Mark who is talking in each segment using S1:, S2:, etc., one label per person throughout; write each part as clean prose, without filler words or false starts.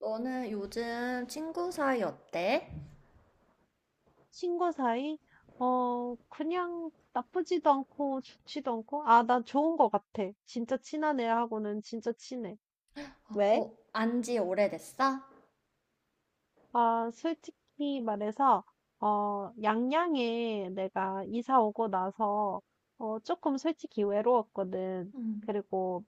S1: 너는 요즘 친구 사이 어때?
S2: 친구 사이? 어, 그냥 나쁘지도 않고 좋지도 않고, 아, 난 좋은 것 같아. 진짜 친한 애하고는 진짜 친해.
S1: 어,
S2: 왜?
S1: 어, 안지 오래됐어?
S2: 아, 솔직히 말해서, 어, 양양에 내가 이사 오고 나서, 어, 조금 솔직히 외로웠거든.
S1: 음,
S2: 그리고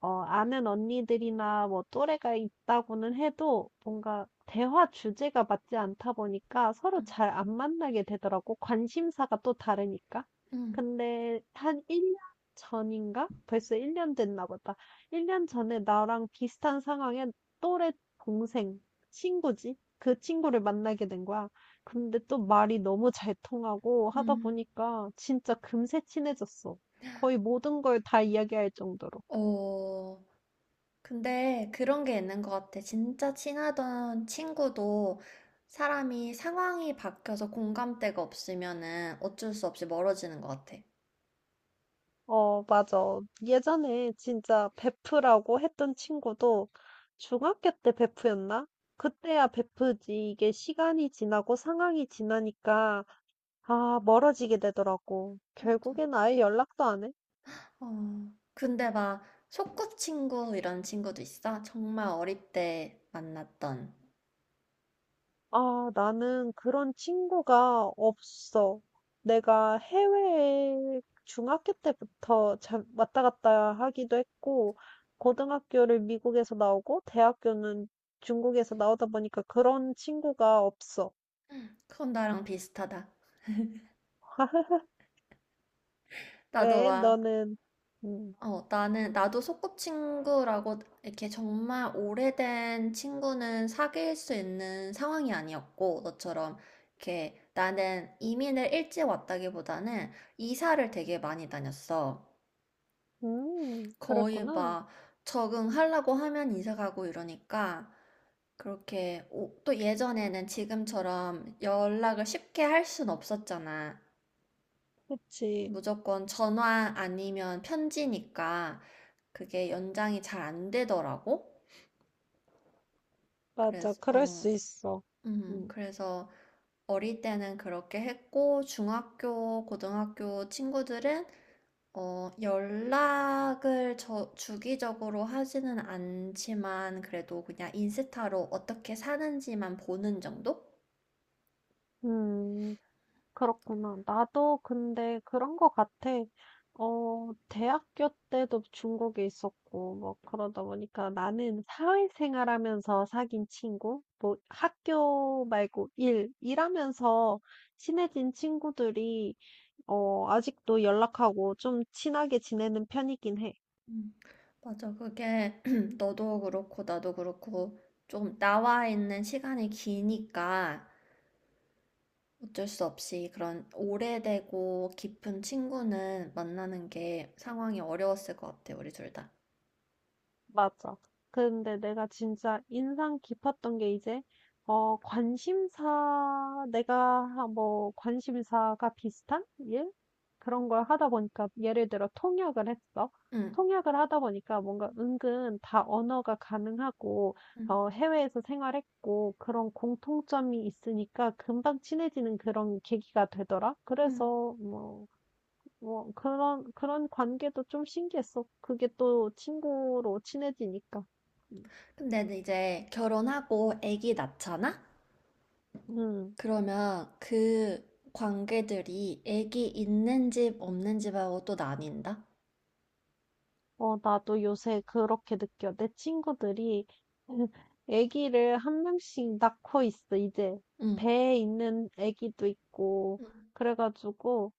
S2: 어, 아는 언니들이나 뭐 또래가 있다고는 해도 뭔가 대화 주제가 맞지 않다 보니까 서로
S1: 음,
S2: 잘 안 만나게 되더라고. 관심사가 또 다르니까.
S1: 음,
S2: 근데 한 1년 전인가? 벌써 1년 됐나 보다. 1년 전에 나랑 비슷한 상황에 또래 동생, 친구지? 그 친구를 만나게 된 거야. 근데 또 말이 너무 잘 통하고 하다
S1: 음.
S2: 보니까 진짜 금세 친해졌어. 거의 모든 걸 다 이야기할 정도로.
S1: 어, 근데 그런 게 있는 것 같아. 진짜 친하던 친구도 사람이 상황이 바뀌어서 공감대가 없으면은 어쩔 수 없이 멀어지는 것 같아.
S2: 어, 맞아. 예전에 진짜 베프라고 했던 친구도 중학교 때 베프였나? 그때야 베프지. 이게 시간이 지나고 상황이 지나니까, 아, 멀어지게 되더라고.
S1: 맞아.
S2: 결국엔 아예 연락도 안 해.
S1: 어, 근데 막 소꿉친구 이런 친구도 있어? 정말 어릴 때 만났던.
S2: 아, 나는 그런 친구가 없어. 내가 해외에 중학교 때부터 왔다 갔다 하기도 했고, 고등학교를 미국에서 나오고, 대학교는 중국에서 나오다 보니까 그런 친구가 없어.
S1: 그건 나랑 비슷하다. 나도
S2: 왜?
S1: 막.
S2: 너는, 음,
S1: 나도 소꿉친구라고 이렇게 정말 오래된 친구는 사귈 수 있는 상황이 아니었고, 너처럼 이렇게 나는 이민을 일찍 왔다기보다는 이사를 되게 많이 다녔어. 거의
S2: 그랬구나.
S1: 막 적응하려고 하면 이사 가고 이러니까, 그렇게, 또 예전에는 지금처럼 연락을 쉽게 할 순 없었잖아.
S2: 그치.
S1: 무조건 전화 아니면 편지니까 그게 연장이 잘 안 되더라고.
S2: 맞아.
S1: 그래서,
S2: 그럴 수
S1: 어,
S2: 있어.
S1: 음,
S2: 음.
S1: 그래서 어릴 때는 그렇게 했고, 중학교, 고등학교 친구들은, 연락을 주기적으로 하지는 않지만, 그래도 그냥 인스타로 어떻게 사는지만 보는 정도?
S2: 음. 그렇구나. 나도 근데 그런 거 같아. 어, 대학교 때도 중국에 있었고, 뭐, 그러다 보니까 나는 사회생활 하면서 사귄 친구, 뭐, 학교 말고 일하면서 친해진 친구들이, 어, 아직도 연락하고 좀 친하게 지내는 편이긴 해.
S1: 음, 맞아. 그게 너도 그렇고, 나도 그렇고, 좀 나와 있는 시간이 기니까, 어쩔 수 없이 그런 오래되고 깊은 친구는 만나는 게 상황이 어려웠을 것 같아, 우리 둘 다.
S2: 맞아. 근데 내가 진짜 인상 깊었던 게 이제, 어, 관심사, 내가 뭐, 관심사가 비슷한 일? 그런 걸 하다 보니까, 예를 들어 통역을 했어.
S1: 응,
S2: 통역을 하다 보니까 뭔가 은근 다 언어가 가능하고,
S1: 응,
S2: 어, 해외에서 생활했고, 그런 공통점이 있으니까 금방 친해지는 그런 계기가 되더라.
S1: 응.
S2: 그래서, 뭐 그런 관계도 좀 신기했어. 그게 또 친구로 친해지니까.
S1: 근데 이제 결혼하고 아기 낳잖아?
S2: 음,
S1: 그러면 그 관계들이 아기 있는 집, 없는 집하고 또 나뉜다?
S2: 어, 나도 요새 그렇게 느껴. 내 친구들이 아기를 한 명씩 낳고 있어. 이제
S1: 응,
S2: 배에 있는 아기도 있고
S1: 응,
S2: 그래가지고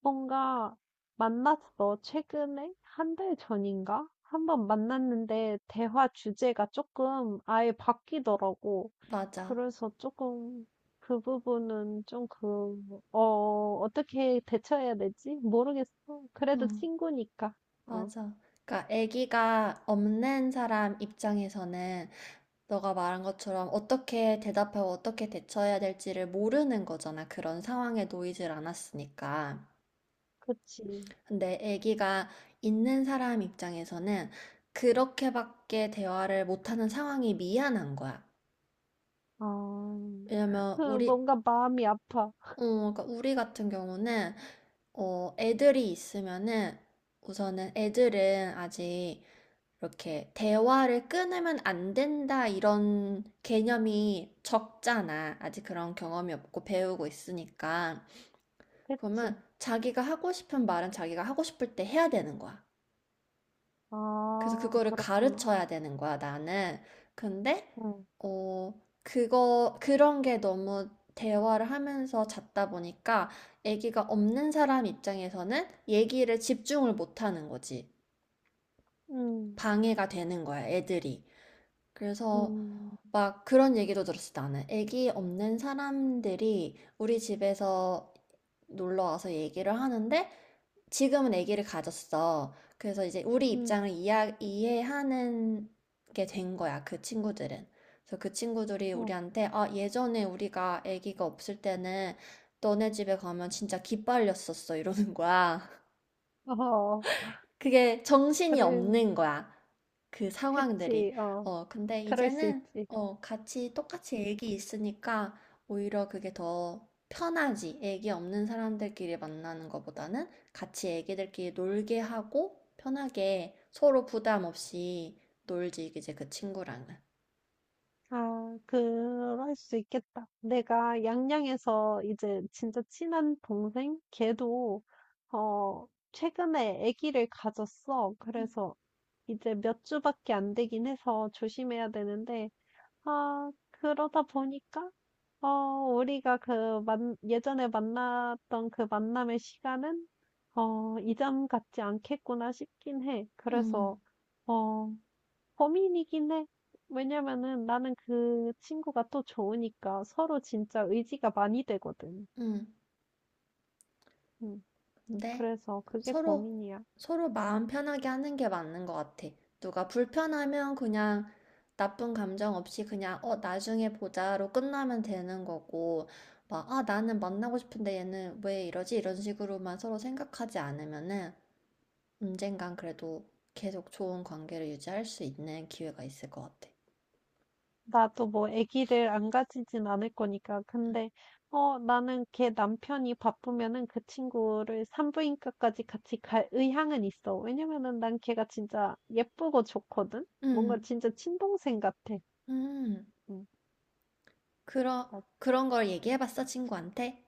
S2: 뭔가 만났어. 최근에? 한 달 전인가? 한번 만났는데 대화 주제가 조금 아예 바뀌더라고.
S1: 맞아.
S2: 그래서 조금 그 부분은 좀 그, 어, 어떻게 대처해야 되지? 모르겠어. 그래도
S1: 응,
S2: 친구니까. 어,
S1: 맞아. 그러니까 아기가 없는 사람 입장에서는 너가 말한 것처럼 어떻게 대답하고 어떻게 대처해야 될지를 모르는 거잖아. 그런 상황에 놓이질 않았으니까.
S2: 그치.
S1: 근데 아기가 있는 사람 입장에서는 그렇게밖에 대화를 못하는 상황이 미안한 거야.
S2: 아,
S1: 왜냐면 우리
S2: 뭔가 마음이 아파.
S1: 그러니까 우리 같은 경우는 애들이 있으면은 우선은 애들은 아직 이렇게 대화를 끊으면 안 된다 이런 개념이 적잖아. 아직 그런 경험이 없고 배우고 있으니까.
S2: 그치.
S1: 그러면 자기가 하고 싶은 말은 자기가 하고 싶을 때 해야 되는 거야. 그래서
S2: 아,
S1: 그거를
S2: 그렇구나.
S1: 가르쳐야 되는 거야, 나는. 근데,
S2: 응,
S1: 어, 그거, 그런 게 너무 대화를 하면서 잤다 보니까 아기가 없는 사람 입장에서는 얘기를 집중을 못 하는 거지.
S2: 응,
S1: 방해가 되는 거야, 애들이. 그래서
S2: 응,
S1: 막 그런 얘기도 들었어, 나는. 아기 없는 사람들이 우리 집에서 놀러 와서 얘기를 하는데 지금은 아기를 가졌어. 그래서 이제 우리
S2: 응,
S1: 입장을 이해하는 게 된 거야, 그 친구들은. 그래서 그 친구들이
S2: 어,
S1: 우리한테, 아, 예전에 우리가 아기가 없을 때는 너네 집에 가면 진짜 기빨렸었어, 이러는 거야.
S2: 어,
S1: 그게 정신이
S2: 그래.
S1: 없는 거야. 그 상황들이.
S2: 그치, 어,
S1: 근데
S2: 그럴 수
S1: 이제는
S2: 있지.
S1: 같이 똑같이 애기 있으니까 오히려 그게 더 편하지. 애기 없는 사람들끼리 만나는 것보다는 같이 애기들끼리 놀게 하고 편하게 서로 부담 없이 놀지, 이제 그 친구랑은.
S2: 아, 그럴 수 있겠다. 내가 양양에서 이제 진짜 친한 동생? 걔도, 어, 최근에 아기를 가졌어.
S1: 음,
S2: 그래서 이제 몇 주밖에 안 되긴 해서 조심해야 되는데, 아, 그러다 보니까, 어, 우리가 예전에 만났던 그 만남의 시간은, 어, 이전 같지 않겠구나 싶긴 해.
S1: 음,
S2: 그래서, 어, 고민이긴 해. 왜냐면은 나는 그 친구가 또 좋으니까 서로 진짜 의지가 많이 되거든.
S1: 음.
S2: 음,
S1: 근데
S2: 그래서 그게
S1: 서로
S2: 고민이야.
S1: 서로 마음 편하게 하는 게 맞는 것 같아. 누가 불편하면 그냥 나쁜 감정 없이 그냥 나중에 보자로 끝나면 되는 거고 막 아 나는 만나고 싶은데 얘는 왜 이러지? 이런 식으로만 서로 생각하지 않으면은 언젠간 그래도 계속 좋은 관계를 유지할 수 있는 기회가 있을 것 같아.
S2: 나도 뭐 아기를 안 가지진 않을 거니까. 근데, 어, 나는 걔 남편이 바쁘면은 그 친구를 산부인과까지 같이 갈 의향은 있어. 왜냐면은 난 걔가 진짜 예쁘고 좋거든? 뭔가
S1: 음,
S2: 진짜 친동생 같아.
S1: 음,
S2: 음,
S1: 그러,
S2: 어.
S1: 그런 걸 얘기해봤어, 친구한테?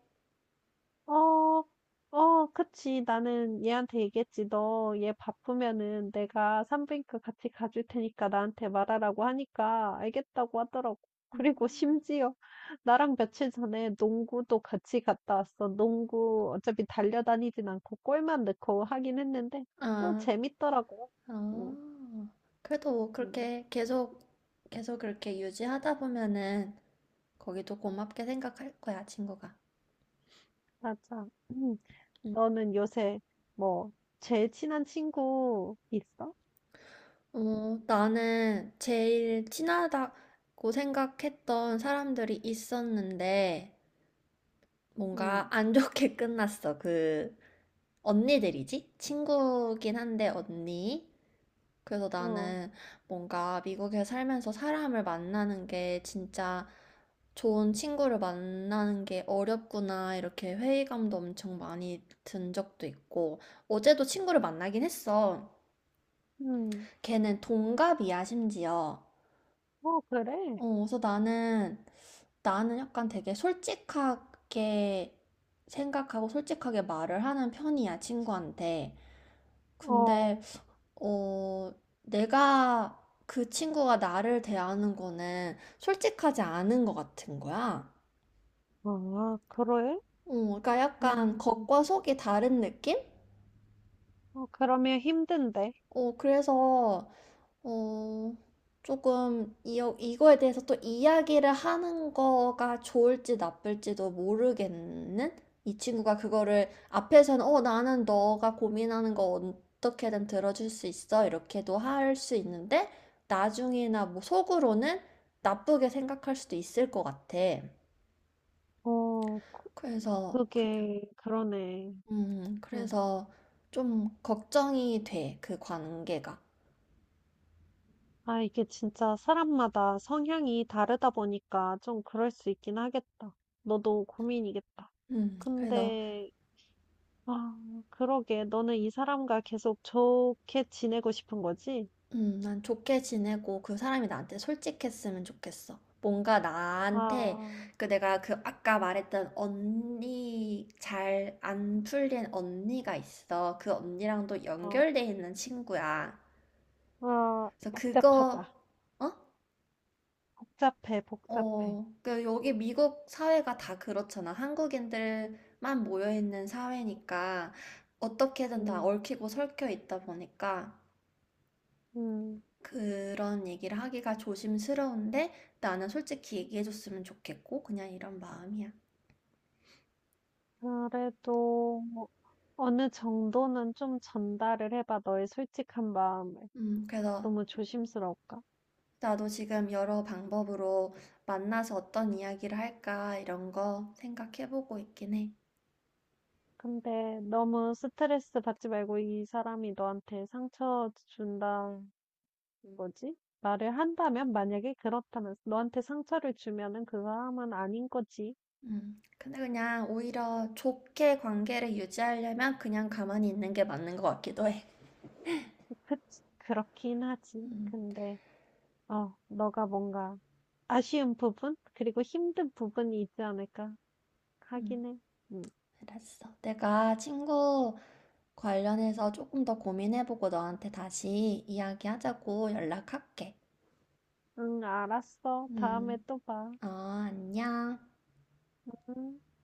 S2: 어, 어, 그치. 나는 얘한테 얘기했지. 너 얘 바쁘면은 내가 산부인과 같이 가줄 테니까 나한테 말하라고 하니까 알겠다고 하더라고. 그리고
S1: 음.
S2: 심지어 나랑 며칠 전에 농구도 같이 갔다 왔어. 농구 어차피 달려다니진 않고 골만 넣고 하긴 했는데 또
S1: 아,
S2: 재밌더라고. 응,
S1: 아, 그래도 뭐
S2: 응,
S1: 그렇게 계속 그렇게 유지하다 보면은 거기도 고맙게 생각할 거야, 친구가.
S2: 맞아. 음. 너는 요새 뭐 제일 친한 친구 있어?
S1: 나는 제일 친하다고 생각했던 사람들이 있었는데 뭔가
S2: 응,
S1: 안 좋게 끝났어. 그 언니들이지? 친구긴 한데 언니. 그래서
S2: 어,
S1: 나는 뭔가 미국에 살면서 사람을 만나는 게 진짜 좋은 친구를 만나는 게 어렵구나, 이렇게 회의감도 엄청 많이 든 적도 있고, 어제도 친구를 만나긴 했어.
S2: 응.
S1: 걔는 동갑이야, 심지어.
S2: 어, 그래?
S1: 그래서 나는 약간 되게 솔직하게 생각하고 솔직하게 말을 하는 편이야, 친구한테. 근데
S2: 어,
S1: 어, 내가 그 친구가 나를 대하는 거는 솔직하지 않은 것 같은 거야.
S2: 아, 그래?
S1: 그러니까
S2: 음,
S1: 약간 겉과 속이 다른 느낌?
S2: 어, 그러면 힘든데.
S1: 그래서 어, 조금 이, 이거에 대해서 또 이야기를 하는 거가 좋을지 나쁠지도 모르겠는? 이 친구가 그거를 앞에서는 나는 너가 고민하는 거 어떻게든 들어줄 수 있어. 이렇게도 할 수 있는데 나중이나 뭐 속으로는 나쁘게 생각할 수도 있을 것 같아.
S2: 어,
S1: 그래서 그냥.
S2: 그게, 그러네. 음.
S1: 그래서 좀 걱정이 돼. 그 관계가.
S2: 아, 이게 진짜 사람마다 성향이 다르다 보니까 좀 그럴 수 있긴 하겠다. 너도 고민이겠다.
S1: 그래서
S2: 근데, 아, 그러게. 너는 이 사람과 계속 좋게 지내고 싶은 거지?
S1: 난 좋게 지내고 그 사람이 나한테 솔직했으면 좋겠어. 뭔가 나한테
S2: 아,
S1: 그 내가 그 아까 말했던 언니 잘 안 풀린 언니가 있어. 그 언니랑도
S2: 어,
S1: 연결돼 있는 친구야.
S2: 아,
S1: 그래서
S2: 복잡하다.
S1: 그거 어?
S2: 복잡해, 복잡해.
S1: 그 여기 미국 사회가 다 그렇잖아. 한국인들만 모여 있는 사회니까 어떻게든 다
S2: 음,
S1: 얽히고 설켜 있다 보니까
S2: 음.
S1: 그런 얘기를 하기가 조심스러운데 나는 솔직히 얘기해줬으면 좋겠고 그냥 이런 마음이야.
S2: 그래도 뭐 어느 정도는 좀 전달을 해봐, 너의 솔직한 마음을.
S1: 그래서
S2: 너무 조심스러울까?
S1: 나도 지금 여러 방법으로 만나서 어떤 이야기를 할까 이런 거 생각해보고 있긴 해.
S2: 근데 너무 스트레스 받지 말고 이 사람이 너한테 상처 준다는 거지? 말을 한다면, 만약에 그렇다면, 너한테 상처를 주면은 그 사람은 아닌 거지.
S1: 근데 그냥 오히려 좋게 관계를 유지하려면 그냥 가만히 있는 게 맞는 것 같기도 해.
S2: 그, 그렇긴 하지.
S1: 음,
S2: 근데, 어, 너가 뭔가 아쉬운 부분? 그리고 힘든 부분이 있지 않을까?
S1: 음,
S2: 하긴 해. 음.
S1: 알았어. 내가 친구 관련해서 조금 더 고민해보고 너한테 다시 이야기하자고 연락할게.
S2: 응, 알았어. 다음에
S1: 음.
S2: 또 봐.
S1: 어, 안녕.
S2: 응.